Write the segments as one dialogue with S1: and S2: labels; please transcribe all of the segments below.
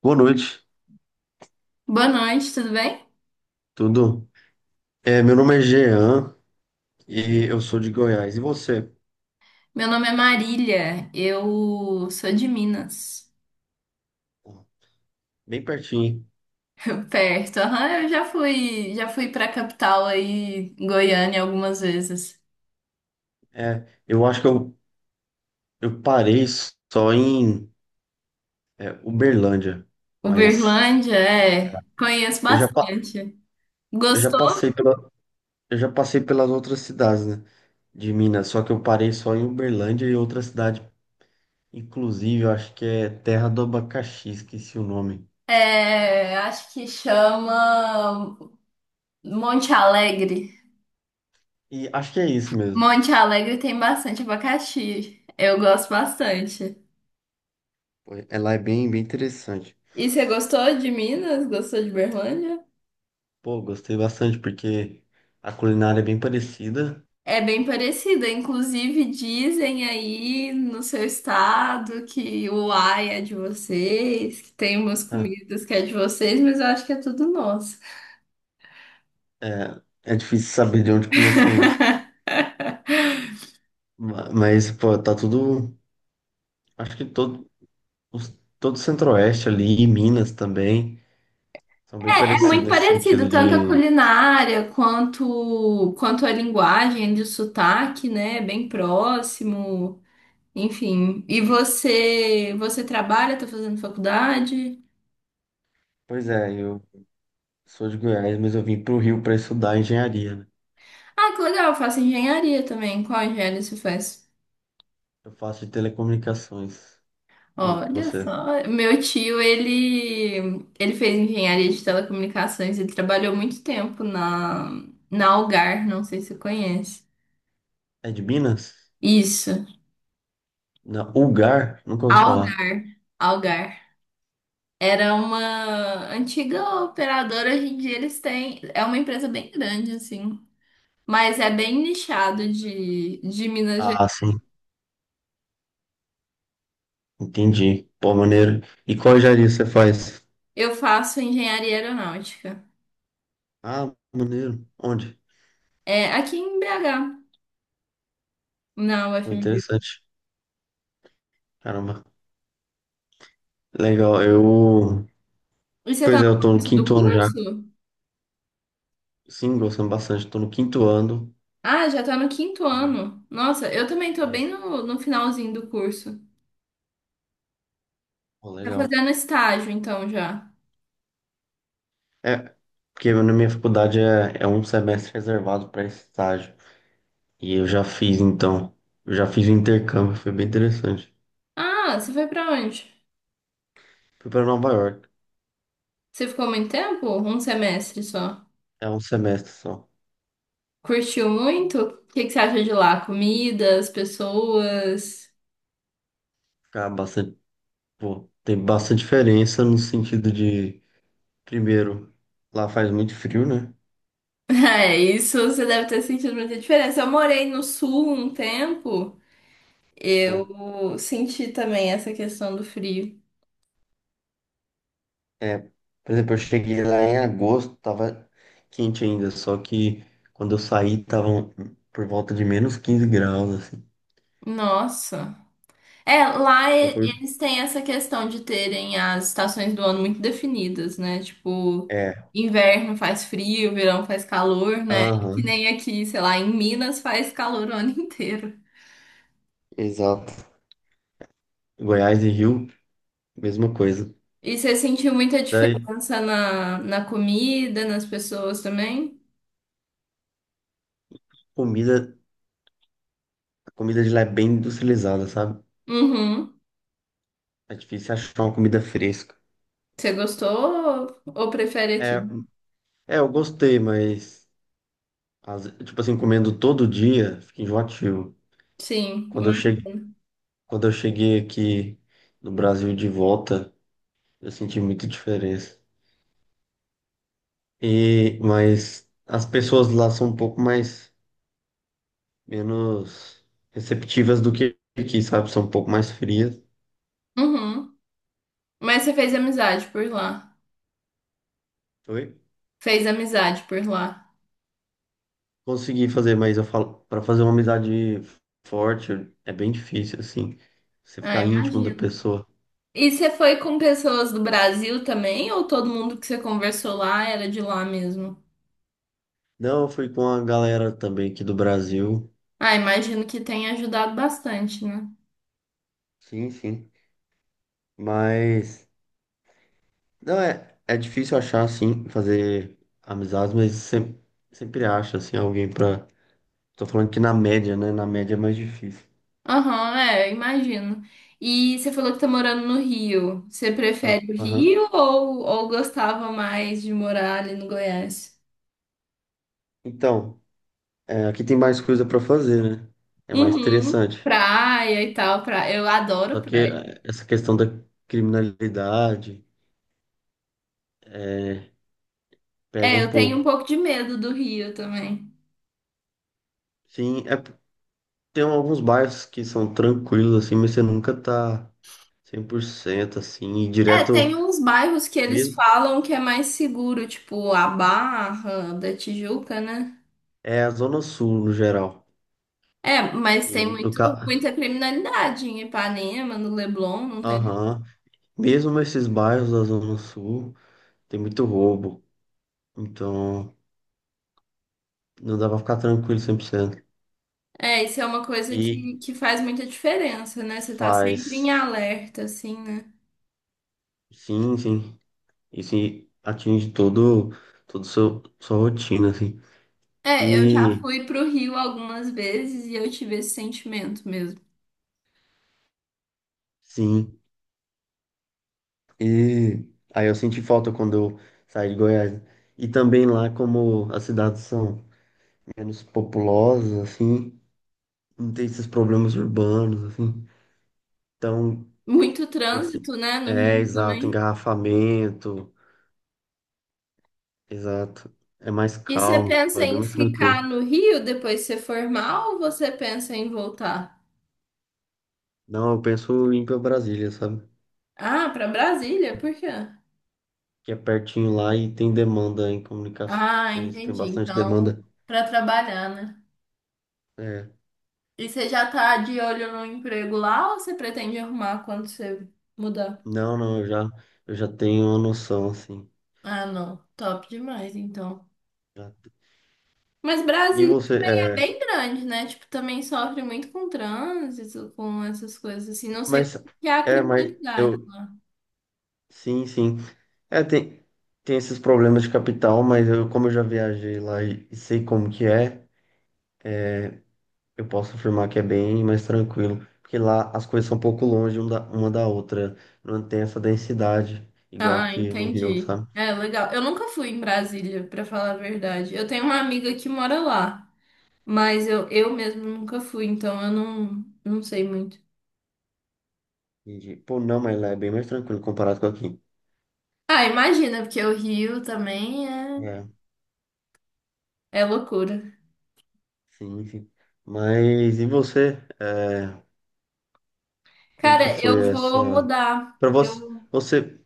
S1: Boa noite,
S2: Boa noite, tudo bem?
S1: tudo? É, meu nome é Jean e eu sou de Goiás. E você?
S2: Meu nome é Marília, eu sou de Minas,
S1: Bem pertinho.
S2: perto. Aham, eu já fui para capital aí, Goiânia, algumas vezes.
S1: Eu acho que eu parei só em Uberlândia, mas
S2: Uberlândia, é, conheço
S1: eu já, pa-
S2: bastante.
S1: eu já
S2: Gostou?
S1: passei eu já passei pelas outras cidades, né, de Minas, só que eu parei só em Uberlândia e outra cidade, inclusive, eu acho que é Terra do Abacaxi, esqueci o nome.
S2: É, acho que chama Monte Alegre.
S1: E acho que é isso mesmo.
S2: Monte Alegre tem bastante abacaxi. Eu gosto bastante.
S1: Ela é bem interessante.
S2: E você gostou de Minas? Gostou de Uberlândia?
S1: Pô, gostei bastante porque a culinária é bem parecida.
S2: É bem parecida, inclusive dizem aí no seu estado que o ai é de vocês, que tem umas
S1: Ah,
S2: comidas que é de vocês, mas eu acho que é tudo nosso.
S1: é difícil saber de onde começou isso. Mas, pô, tá tudo. Acho que todo o Centro-Oeste ali, e Minas também, são bem
S2: É
S1: parecidos
S2: muito
S1: nesse
S2: parecido,
S1: sentido
S2: tanto a
S1: de.
S2: culinária quanto, a linguagem de sotaque, né? É bem próximo, enfim. E você, você trabalha, tá fazendo faculdade?
S1: Pois é, eu sou de Goiás, mas eu vim pro Rio para estudar engenharia, né?
S2: Ah, que legal, eu faço engenharia também. Qual engenharia você faz?
S1: Eu faço de telecomunicações. E
S2: Olha
S1: você?
S2: só, meu tio, ele, fez engenharia de telecomunicações, ele trabalhou muito tempo na Algar, não sei se você conhece.
S1: É de Minas?
S2: Isso,
S1: Na ULGAR? Nunca ouvi falar.
S2: Algar, Algar. Era uma antiga operadora, hoje em dia eles têm, é uma empresa bem grande, assim, mas é bem nichado de, Minas
S1: Ah,
S2: Gerais.
S1: sim, entendi. Pô, maneiro. E qual engenharia você faz?
S2: Eu faço engenharia aeronáutica,
S1: Ah, maneiro. Onde?
S2: é aqui em BH, na
S1: Pô,
S2: UFMG.
S1: interessante. Caramba. Legal. Eu.
S2: E você tá
S1: Pois
S2: no
S1: é, eu tô no
S2: começo do
S1: quinto ano já.
S2: curso?
S1: Sim, gostando bastante. Tô no quinto ano.
S2: Ah, já tá no quinto
S1: E-
S2: ano. Nossa, eu também tô bem
S1: Isso.
S2: no finalzinho do curso.
S1: Pô,
S2: Tá
S1: legal.
S2: fazendo estágio, então, já.
S1: É, porque na minha faculdade é um semestre reservado para esse estágio. E eu já fiz, então. Eu já fiz o intercâmbio, foi bem interessante.
S2: Ah, você foi pra onde?
S1: Fui para Nova York.
S2: Você ficou muito tempo? Um semestre só.
S1: É um semestre só.
S2: Curtiu muito? O que que você acha de lá? Comidas, pessoas?
S1: Ficar bastante. Pô, tem bastante diferença no sentido de. Primeiro, lá faz muito frio, né?
S2: É, isso você deve ter sentido muita diferença. Eu morei no sul um tempo, eu senti também essa questão do frio.
S1: É, por exemplo, eu cheguei lá em agosto, tava quente ainda, só que quando eu saí tava por volta de menos 15 graus, assim.
S2: Nossa. É,
S1: Então foi,
S2: eles têm essa questão de terem as estações do ano muito definidas, né? Tipo,
S1: é,
S2: inverno faz frio, verão faz calor, né? Que
S1: aham,
S2: nem aqui, sei lá, em Minas faz calor o ano inteiro.
S1: exato. Goiás e Rio, mesma coisa.
S2: E você sentiu muita
S1: Daí,
S2: diferença na, comida, nas pessoas também?
S1: comida, a comida de lá é bem industrializada, sabe?
S2: Uhum.
S1: É difícil achar uma comida fresca.
S2: Você gostou ou prefere
S1: É,
S2: aqui?
S1: eu gostei, mas, tipo assim, comendo todo dia, fica enjoativo.
S2: Sim.
S1: Quando eu
S2: Mas,
S1: cheguei, quando eu cheguei aqui no Brasil de volta, eu senti muita diferença. E, mas as pessoas lá são menos receptivas do que aqui, sabe? São um pouco mais frias.
S2: uhum. Mas você fez amizade por lá.
S1: Oi?
S2: Fez amizade por lá.
S1: Consegui fazer, mas eu falo, para fazer uma amizade forte é bem difícil, assim. Você
S2: Ah,
S1: ficar íntimo da
S2: imagina.
S1: pessoa.
S2: E você foi com pessoas do Brasil também, ou todo mundo que você conversou lá era de lá mesmo?
S1: Não, eu fui com a galera também aqui do Brasil.
S2: Ah, imagino que tenha ajudado bastante, né?
S1: Sim, sim. Mas, não, é difícil achar, assim, fazer amizades, mas sempre acha, assim, alguém pra. Tô falando que na média, né? Na média é mais difícil.
S2: Aham, é, imagino. E você falou que tá morando no Rio. Você
S1: Ah
S2: prefere o
S1: Aham.
S2: Rio ou, gostava mais de morar ali no Goiás?
S1: Então, é, aqui tem mais coisa para fazer, né? É mais
S2: Uhum,
S1: interessante.
S2: praia e tal, praia. Eu adoro
S1: Só que
S2: praia.
S1: é, essa questão da criminalidade pega
S2: É,
S1: um
S2: eu tenho um
S1: pouco.
S2: pouco de medo do Rio também.
S1: Sim, é, tem alguns bairros que são tranquilos, assim, mas você nunca tá 100% assim, e
S2: É, tem
S1: direto
S2: uns bairros que eles
S1: mesmo.
S2: falam que é mais seguro, tipo a Barra da Tijuca, né?
S1: É a Zona Sul, no geral.
S2: É, mas
S1: E
S2: tem
S1: no
S2: muito,
S1: ca...
S2: muita criminalidade em Ipanema, no Leblon, não tem?
S1: Aham. Mesmo esses bairros da Zona Sul, tem muito roubo. Então, não dá pra ficar tranquilo 100%
S2: É, isso é uma coisa
S1: E
S2: que faz muita diferença, né? Você tá sempre em
S1: faz.
S2: alerta, assim, né?
S1: Sim, sim. Isso atinge todo sua rotina, assim.
S2: É, eu já
S1: E,
S2: fui pro Rio algumas vezes e eu tive esse sentimento mesmo.
S1: sim, e aí eu senti falta quando eu saí de Goiás. E também lá, como as cidades são menos populosas, assim, não tem esses problemas urbanos, assim. Então,
S2: Muito
S1: tipo assim,
S2: trânsito, né, no Rio
S1: exato,
S2: também.
S1: engarrafamento, exato. É mais
S2: E você
S1: calmo,
S2: pensa
S1: é bem
S2: em
S1: mais tranquilo.
S2: ficar no Rio depois de se formar ou você pensa em voltar?
S1: Não, eu penso em ir pra Brasília, sabe?
S2: Ah, pra Brasília, por quê?
S1: Que é pertinho lá e tem demanda em comunicações,
S2: Ah,
S1: tem
S2: entendi.
S1: bastante
S2: Então,
S1: demanda.
S2: pra trabalhar, né?
S1: É.
S2: E você já tá de olho no emprego lá ou você pretende arrumar quando você mudar?
S1: Não, não, eu já tenho uma noção, assim.
S2: Ah, não. Top demais, então.
S1: Já- te-
S2: Mas
S1: E
S2: Brasília
S1: você,
S2: é bem grande, né? Tipo, também sofre muito com trânsito, com essas coisas assim. Não sei
S1: mas,
S2: como que é a
S1: mas
S2: criminalidade.
S1: eu, sim, sim. É, tem, tem esses problemas de capital, mas eu, como eu já viajei lá e sei como que é, eu posso afirmar que é bem mais tranquilo. Porque lá as coisas são um pouco longe uma da outra. Não tem essa densidade, igual
S2: Ah,
S1: aqui no Rio,
S2: entendi.
S1: sabe?
S2: É legal. Eu nunca fui em Brasília, pra falar a verdade. Eu tenho uma amiga que mora lá, mas eu mesmo nunca fui, então eu não, não sei muito.
S1: Entendi. Pô, não, mas lá é bem mais tranquilo comparado com aqui.
S2: Ah, imagina, porque o Rio também é,
S1: É,
S2: é loucura.
S1: sim, sim. Mas e você? Como que
S2: Cara,
S1: foi
S2: eu vou
S1: essa?
S2: mudar.
S1: Para você,
S2: Eu
S1: você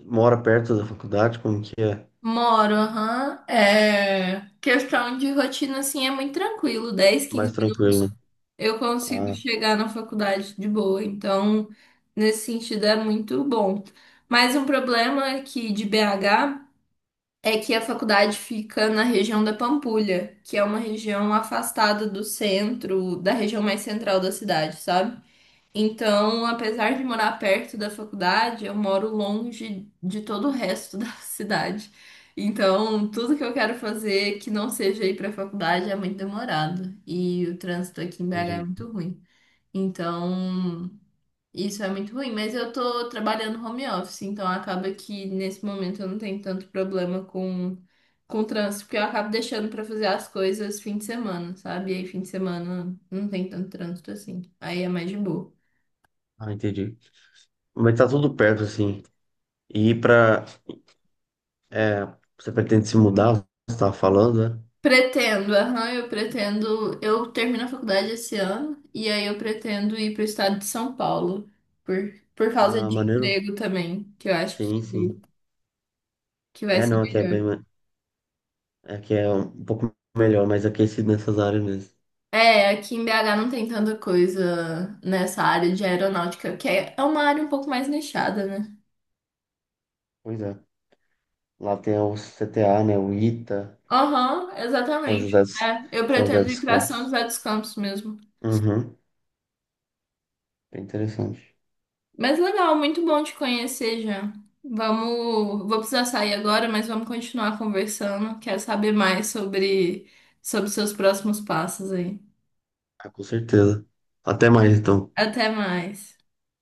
S1: mora perto da faculdade? Como que é?
S2: moro, aham. É, questão de rotina, assim, é muito tranquilo. 10,
S1: Mais
S2: 15
S1: tranquilo,
S2: minutos
S1: né?
S2: eu consigo
S1: Ah,
S2: chegar na faculdade de boa. Então, nesse sentido, é muito bom. Mas um problema aqui de BH é que a faculdade fica na região da Pampulha, que é uma região afastada do centro, da região mais central da cidade, sabe? Então, apesar de morar perto da faculdade, eu moro longe de todo o resto da cidade. Então, tudo que eu quero fazer que não seja ir para a faculdade é muito demorado. E o trânsito aqui em BH é
S1: entendi.
S2: muito ruim. Então, isso é muito ruim. Mas eu tô trabalhando home office, então acaba que nesse momento eu não tenho tanto problema com, o trânsito, porque eu acabo deixando para fazer as coisas fim de semana, sabe? E aí, fim de semana não tem tanto trânsito assim. Aí é mais de boa.
S1: Ah, entendi. Mas tá tudo perto, assim. E pra. é, você pretende se mudar? Você tava falando, né?
S2: Pretendo, aham, eu pretendo. Eu termino a faculdade esse ano e aí eu pretendo ir para o estado de São Paulo por, por, causa
S1: Ah,
S2: de
S1: maneiro.
S2: emprego também, que eu acho
S1: Sim, sim.
S2: que vai
S1: É,
S2: ser
S1: não, aqui é bem.
S2: melhor.
S1: Ma- Aqui é um pouco melhor, mais aquecido nessas áreas mesmo.
S2: É, aqui em BH não tem tanta coisa nessa área de aeronáutica, que é uma área um pouco mais nichada, né?
S1: Pois é. Lá tem o CTA, né? O ITA,
S2: Aham,
S1: São
S2: exatamente.
S1: José dos,
S2: É, eu
S1: São José
S2: pretendo ir
S1: dos
S2: para São
S1: Campos.
S2: José dos Campos mesmo.
S1: Uhum. Bem interessante.
S2: Mas legal, muito bom te conhecer já. Vamos, vou precisar sair agora, mas vamos continuar conversando. Quero saber mais sobre seus próximos passos aí.
S1: Ah, com certeza. Até mais, então.
S2: Até mais.